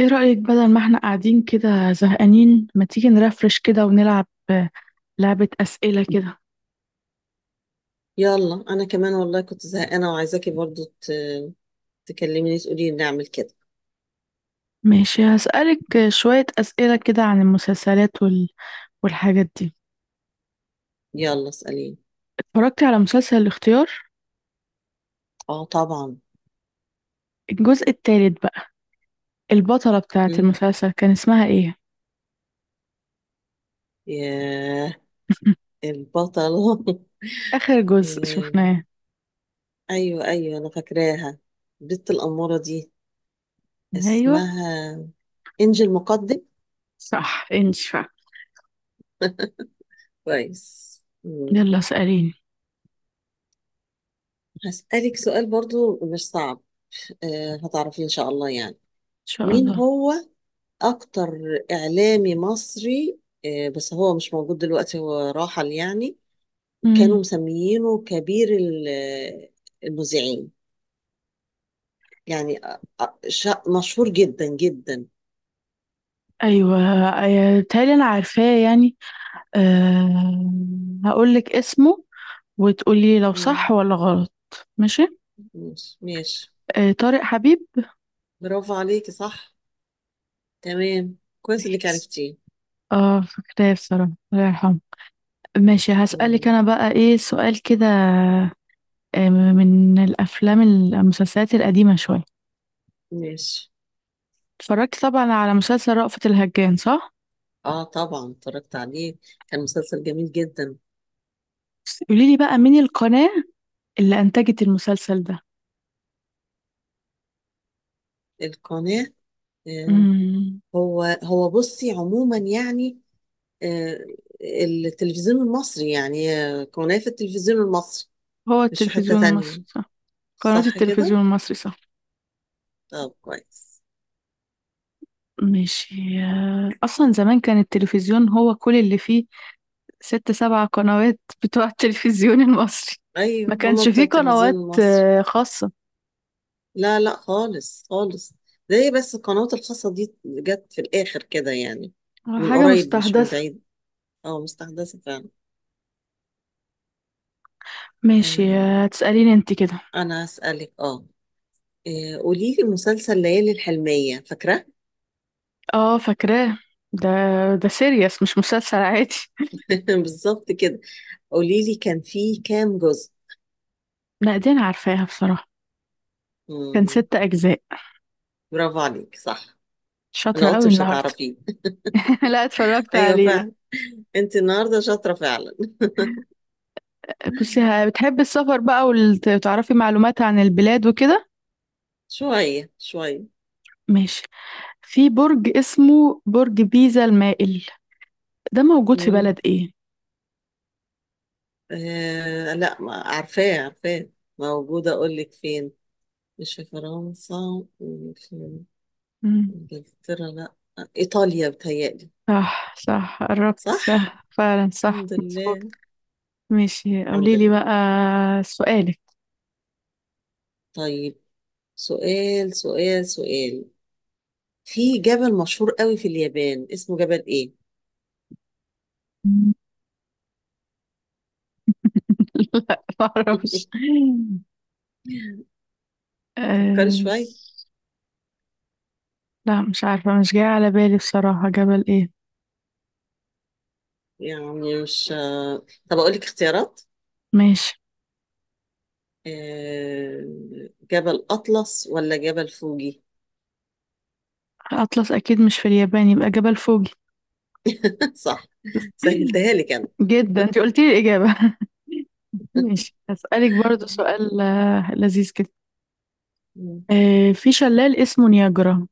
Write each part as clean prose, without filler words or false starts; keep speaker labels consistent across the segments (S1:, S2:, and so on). S1: ايه رأيك بدل ما احنا قاعدين كده زهقانين، ما تيجي نرفرش كده ونلعب لعبة أسئلة كده؟
S2: يلا، انا كمان والله كنت زهقانه وعايزاكي برضو تكلميني، تقولي لي نعمل كده.
S1: ماشي، هسألك شوية أسئلة كده عن المسلسلات والحاجات دي.
S2: يلا اساليني.
S1: اتفرجتي على مسلسل الاختيار؟
S2: اه، طبعا.
S1: الجزء التالت بقى، البطلة بتاعة
S2: مم.
S1: المسلسل كان اسمها ايه؟
S2: ياه. البطله
S1: آخر جزء
S2: آم،
S1: شفناه.
S2: ايوه، ايوه، انا فاكراها. البت الاموره دي
S1: ايوه
S2: اسمها انجل مقدم.
S1: صح انشفع.
S2: كويس. مم.
S1: يلا اسأليني، ان
S2: هسالك سؤال، برضو مش صعب. هتعرفي ان شاء الله يعني.
S1: شاء
S2: مين
S1: الله.
S2: هو اكتر اعلامي مصري؟ بس هو مش موجود دلوقتي، هو راحل يعني. كانوا
S1: مم.
S2: مسميينه كبير المذيعين. يعني مشهور جدا جدا.
S1: ايوه تالي انا عارفاه يعني. أه... هقول لك اسمه وتقولي لو
S2: مم.
S1: صح ولا غلط. ماشي.
S2: ماشي، ماشي.
S1: آه طارق حبيب.
S2: برافو عليكي، صح، تمام، كويس انك
S1: ماشي،
S2: عرفتيه.
S1: اه فاكراه بصراحة، الله يرحمه. ماشي، هسألك
S2: مم.
S1: انا بقى ايه سؤال كده. من الافلام المسلسلات القديمة شوية.
S2: ماشي.
S1: اتفرجت طبعا على مسلسل رأفت الهجان، صح؟
S2: اه، طبعا اتفرجت عليه. كان مسلسل جميل جدا.
S1: بس قولي لي بقى، مين القناة اللي انتجت المسلسل ده؟
S2: القناة. آه،
S1: امم
S2: هو بصي، عموما يعني. آه، التلفزيون المصري، يعني قناة في التلفزيون المصري.
S1: هو
S2: مش في حتة
S1: التلفزيون
S2: تانية.
S1: المصري، صح؟ قناة
S2: صح كده؟
S1: التلفزيون المصري صح.
S2: طب، كويس.
S1: ماشي، اصلا زمان كان التلفزيون هو كل اللي فيه، 6 7 قنوات بتوع التلفزيون المصري.
S2: أيوة،
S1: ما
S2: هما
S1: كانش
S2: بتوع
S1: فيه
S2: التلفزيون
S1: قنوات
S2: المصري.
S1: خاصة،
S2: لا، لا، خالص خالص. ده هي بس القنوات الخاصة دي جت في الآخر كده يعني، من
S1: حاجة
S2: قريب مش من
S1: مستحدثة.
S2: بعيد. اه، مستحدثة فعلا.
S1: ماشي،
S2: آه،
S1: هتسأليني انت كده.
S2: أنا أسألك، اه. قولي لي مسلسل ليالي الحلمية، فاكرة؟
S1: اه فاكراه. ده ده سيريس مش مسلسل عادي.
S2: بالظبط كده. قولي لي، كان فيه كام جزء؟
S1: لا دي انا عارفاها بصراحة. كان
S2: مم.
S1: 6 اجزاء.
S2: برافو عليك، صح. انا
S1: شاطرة
S2: قلت
S1: قوي
S2: مش
S1: النهاردة.
S2: هتعرفيه.
S1: لا اتفرجت
S2: ايوه
S1: عليه ده.
S2: فعلا. انت النهارده شاطره فعلا.
S1: بصي، بتحبي السفر بقى وتعرفي معلومات عن البلاد وكده؟
S2: شويه شويه.
S1: ماشي. في برج اسمه برج بيزا المائل، ده موجود في
S2: مم.
S1: بلد ايه؟
S2: آه، لا، ما عارفاه عارفاه. موجوده، اقول لك فين. مش في فرنسا، مش في
S1: مم.
S2: انجلترا، لا، ايطاليا بتهيألي.
S1: صح صح قربت،
S2: صح.
S1: صح فعلا، صح
S2: الحمد
S1: مظبوط.
S2: لله.
S1: ماشي،
S2: الحمد
S1: قولي لي بقى
S2: لله.
S1: سؤالك.
S2: طيب. سؤال، سؤال، سؤال. في جبل مشهور قوي في اليابان، اسمه جبل ايه؟
S1: لا ما اعرفش.
S2: فكري
S1: آه،
S2: شويه.
S1: لا مش عارفة، مش جاية على بالي بصراحة، جبل ايه؟
S2: يعني مش. طب اقول لك اختيارات.
S1: ماشي.
S2: آه، جبل أطلس ولا جبل فوجي؟
S1: أطلس أكيد مش في اليابان، يبقى جبل فوجي.
S2: صح. سهلتها لك أنا.
S1: جدا انت قلتي لي الإجابة. ماشي، هسألك برضو سؤال لذيذ كده. في شلال اسمه نياجرا،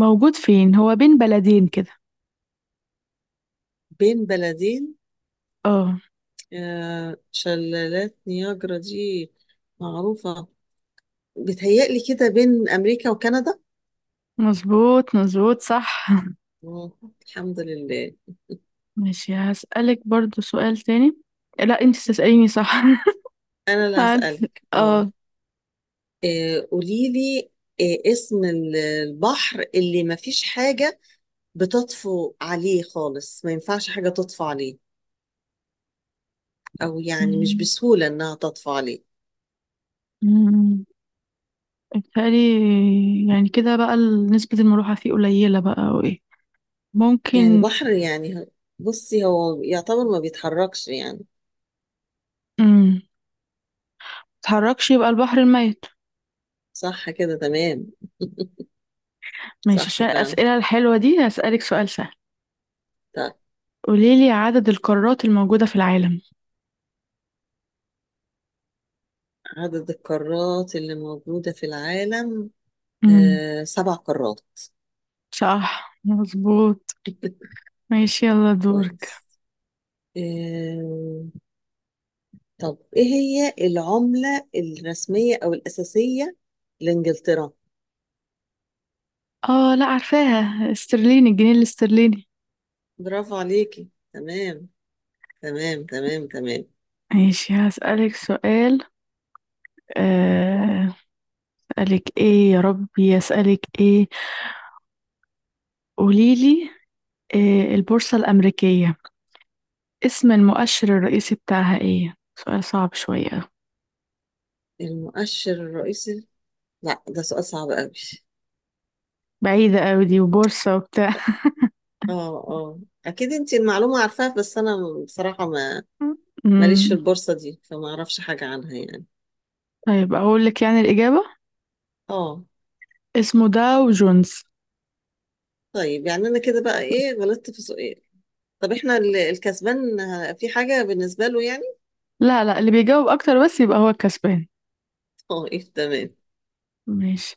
S1: موجود فين؟ هو بين بلدين كده.
S2: بين بلدين.
S1: اه
S2: شلالات نياجرا دي معروفة، بتهيألي كده بين أمريكا وكندا.
S1: مظبوط مظبوط صح.
S2: آه، الحمد لله.
S1: ماشي، هسألك برضو سؤال تاني. لا انت تسأليني، صح؟
S2: أنا اللي
S1: معلش
S2: هسألك، اه.
S1: اه.
S2: قوليلي، اسم البحر اللي مفيش حاجة بتطفو عليه خالص، ما ينفعش حاجة تطفو عليه، أو يعني مش
S1: أمم،
S2: بسهولة إنها تطفو عليه.
S1: أمم. بيتهيألي يعني كده بقى، نسبة المروحة فيه قليلة بقى او ايه،
S2: يعني
S1: ممكن.
S2: بحر يعني بصي، هو يعتبر ما بيتحركش يعني.
S1: أمم، متتحركش، يبقى البحر الميت.
S2: صح كده، تمام.
S1: ماشي،
S2: صح
S1: عشان
S2: فعلا.
S1: الأسئلة الحلوة دي هسألك سؤال سهل.
S2: طيب.
S1: قوليلي عدد القارات الموجودة في العالم.
S2: عدد القارات اللي موجودة في العالم.
S1: أمم،
S2: سبع قارات.
S1: صح مظبوط. ماشي يلا دورك.
S2: كويس. آه طب، ايه هي العملة الرسمية او الأساسية لإنجلترا؟
S1: اه لا، عارفاها، استرليني، الجنيه الاسترليني.
S2: برافو عليكي، تمام، تمام، تمام، تمام.
S1: ماشي، هسألك سؤال، آه، أسألك إيه يا ربي؟ أسألك إيه؟ قوليلي، البورصة الأمريكية، اسم المؤشر الرئيسي بتاعها إيه؟ سؤال صعب شوية.
S2: المؤشر الرئيسي. لا، ده سؤال صعب قوي.
S1: بعيدة أوي دي، وبورصة وبتاع.
S2: اه، اه، اكيد انت المعلومة عارفاها، بس انا بصراحة ما ماليش في
S1: مم.
S2: البورصة دي، فما اعرفش حاجة عنها يعني.
S1: طيب أقول لك يعني الإجابة،
S2: اه.
S1: اسمه داو جونز.
S2: طيب، يعني انا كده بقى ايه، غلطت في سؤال. طب احنا الكسبان في حاجة بالنسبة له يعني؟
S1: لا لا، اللي بيجاوب أكتر بس يبقى هو الكسبان.
S2: اه، ايه، تمام.
S1: ماشي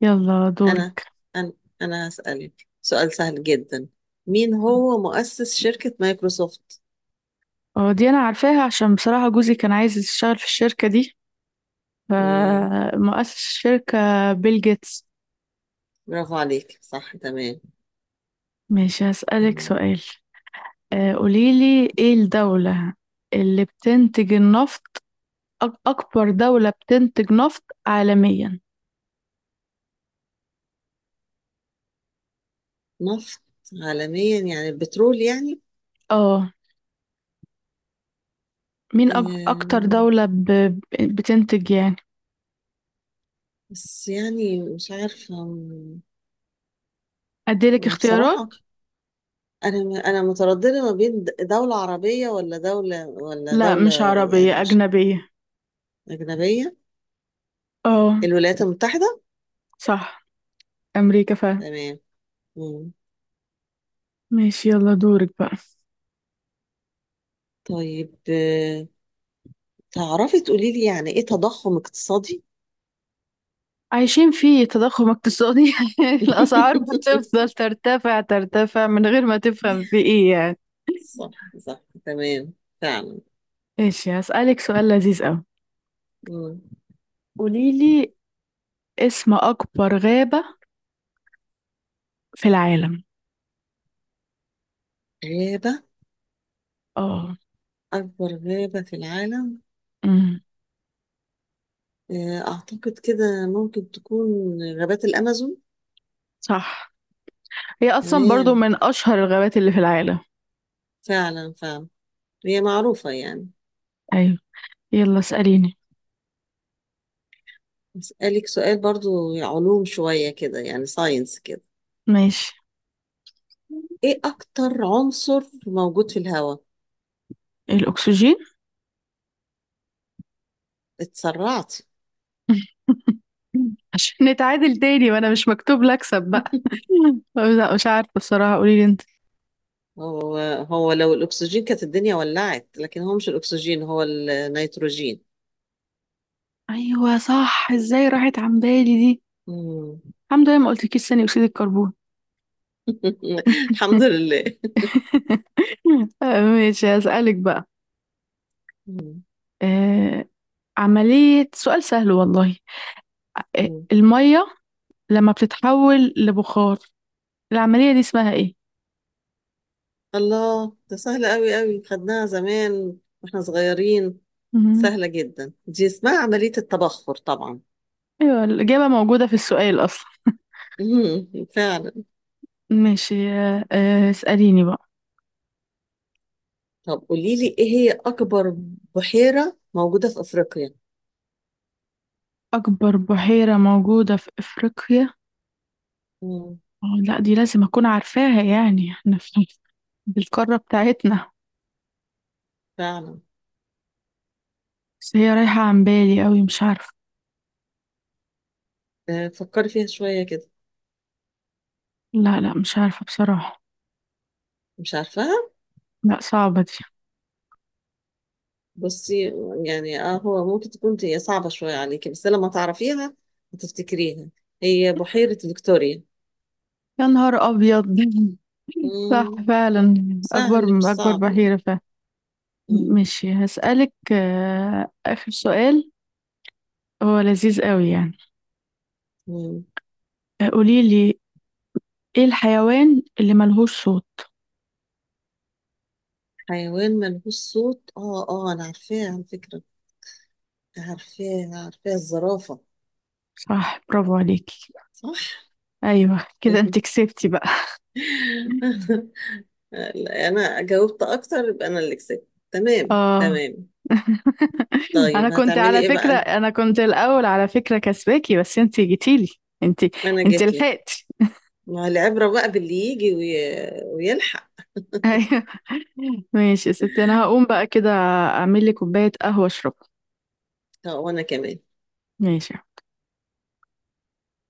S1: يلا
S2: انا
S1: دورك.
S2: انا انا هسألك سؤال سهل جدا. مين هو مؤسس شركة مايكروسوفت؟
S1: اه دي أنا عارفاها، عشان بصراحة جوزي كان عايز يشتغل في الشركة دي،
S2: مم.
S1: فمؤسس الشركة بيل جيتس.
S2: برافو عليك، صح، تمام.
S1: ماشي، هسألك
S2: مم،
S1: سؤال، قوليلي ايه الدولة اللي بتنتج النفط، أكبر دولة بتنتج نفط عالميا.
S2: نفط عالميا، يعني البترول يعني.
S1: اه، مين أكتر
S2: آه،
S1: دولة بتنتج يعني؟
S2: بس يعني مش عارفة
S1: أديلك
S2: ما
S1: اختيارات.
S2: بصراحة. أنا مترددة ما بين دولة عربية، ولا دولة، ولا
S1: لا
S2: دولة.
S1: مش
S2: يعني
S1: عربية،
S2: مش،
S1: أجنبية.
S2: أجنبية.
S1: اه
S2: الولايات المتحدة.
S1: صح، أمريكا فعلا.
S2: تمام. مم.
S1: ماشي يلا دورك بقى.
S2: طيب، تعرفي تقولي لي يعني إيه تضخم اقتصادي؟
S1: عايشين في تضخم اقتصادي. الأسعار بتفضل ترتفع ترتفع من غير ما تفهم في ايه يعني.
S2: صح، صح، تمام، فعلا.
S1: ماشي، هسألك سؤال لذيذ أوي.
S2: مم.
S1: قوليلي اسم أكبر غابة في العالم.
S2: غابة.
S1: اه.
S2: أكبر غابة في العالم.
S1: امم
S2: أعتقد كده ممكن تكون غابات الأمازون.
S1: صح. هي اصلا برضو
S2: تمام،
S1: من اشهر الغابات اللي في العالم.
S2: فعلا، فعلا، هي معروفة يعني.
S1: ايوه، يلا اسأليني.
S2: أسألك سؤال برضو، علوم شوية كده يعني، ساينس كده.
S1: ماشي.
S2: إيه أكتر عنصر موجود في الهواء؟
S1: الاكسجين.
S2: اتسرعت.
S1: عشان نتعادل تاني وانا مش مكتوب لي اكسب بقى. لا مش عارفه الصراحه، قولي لي انت.
S2: هو هو لو الأكسجين كانت الدنيا ولعت، لكن هو مش الأكسجين، هو النيتروجين.
S1: ايوه صح، ازاي راحت عن بالي دي.
S2: مم.
S1: الحمد لله ما قلتلكيش ثاني اكسيد الكربون.
S2: الحمد لله.
S1: ماشي هسألك بقى.
S2: مم.
S1: آه، عملية، سؤال سهل والله.
S2: مم.
S1: المية لما بتتحول لبخار، العملية دي اسمها ايه؟
S2: الله، ده سهلة أوي أوي، خدناها زمان واحنا صغيرين.
S1: مهم.
S2: سهلة جدا دي، اسمها عملية التبخر طبعا.
S1: ايوه الإجابة موجودة في السؤال أصلا.
S2: مم. فعلا.
S1: ماشي، اسأليني بقى.
S2: طب قولي لي، ايه هي اكبر بحيرة موجودة في افريقيا؟
S1: أكبر بحيرة موجودة في أفريقيا؟
S2: مم.
S1: اه لا، دي لازم أكون عارفاها يعني، احنا في بالقارة بتاعتنا.
S2: فعلا.
S1: بس هي رايحة عن بالي أوي، مش عارفة.
S2: فكري فيها شوية كده.
S1: لا لا مش عارفة بصراحة.
S2: مش عارفاها.
S1: لا صعبة دي.
S2: بصي، يعني اه، هو ممكن تكون هي صعبة شوية عليكي، بس لما تعرفيها هتفتكريها. هي بحيرة فيكتوريا.
S1: يا نهار أبيض. صح
S2: مم.
S1: فعلا،
S2: سهل مش
S1: أكبر أكبر
S2: صعب يعني.
S1: بحيرة فعلا.
S2: مم.
S1: ماشي، هسألك آخر سؤال، هو لذيذ أوي يعني.
S2: مم.
S1: قولي لي، ايه الحيوان اللي ملهوش صوت؟
S2: حيوان ملهوش صوت، اه، اه، انا عارفاها على فكرة، عارفاها عارفاها، الزرافة.
S1: صح برافو عليكي.
S2: صح.
S1: ايوه كده انت كسبتي بقى.
S2: لا، انا جاوبت اكتر، يبقى انا اللي كسبت. تمام،
S1: اه
S2: تمام.
S1: انا
S2: طيب،
S1: كنت
S2: هتعملي
S1: على
S2: ايه
S1: فكرة،
S2: بقى؟
S1: انا كنت الاول على فكرة كسباكي بس انت جيتيلي، انت
S2: انا
S1: انت
S2: جيت لك.
S1: لحقتي.
S2: ما هو العبرة بقى باللي يجي ويلحق.
S1: ايوه. ماشي يا ستي، انا هقوم بقى كده، اعمل لي كوباية قهوة اشربها.
S2: طب، وانا كمان.
S1: ماشي.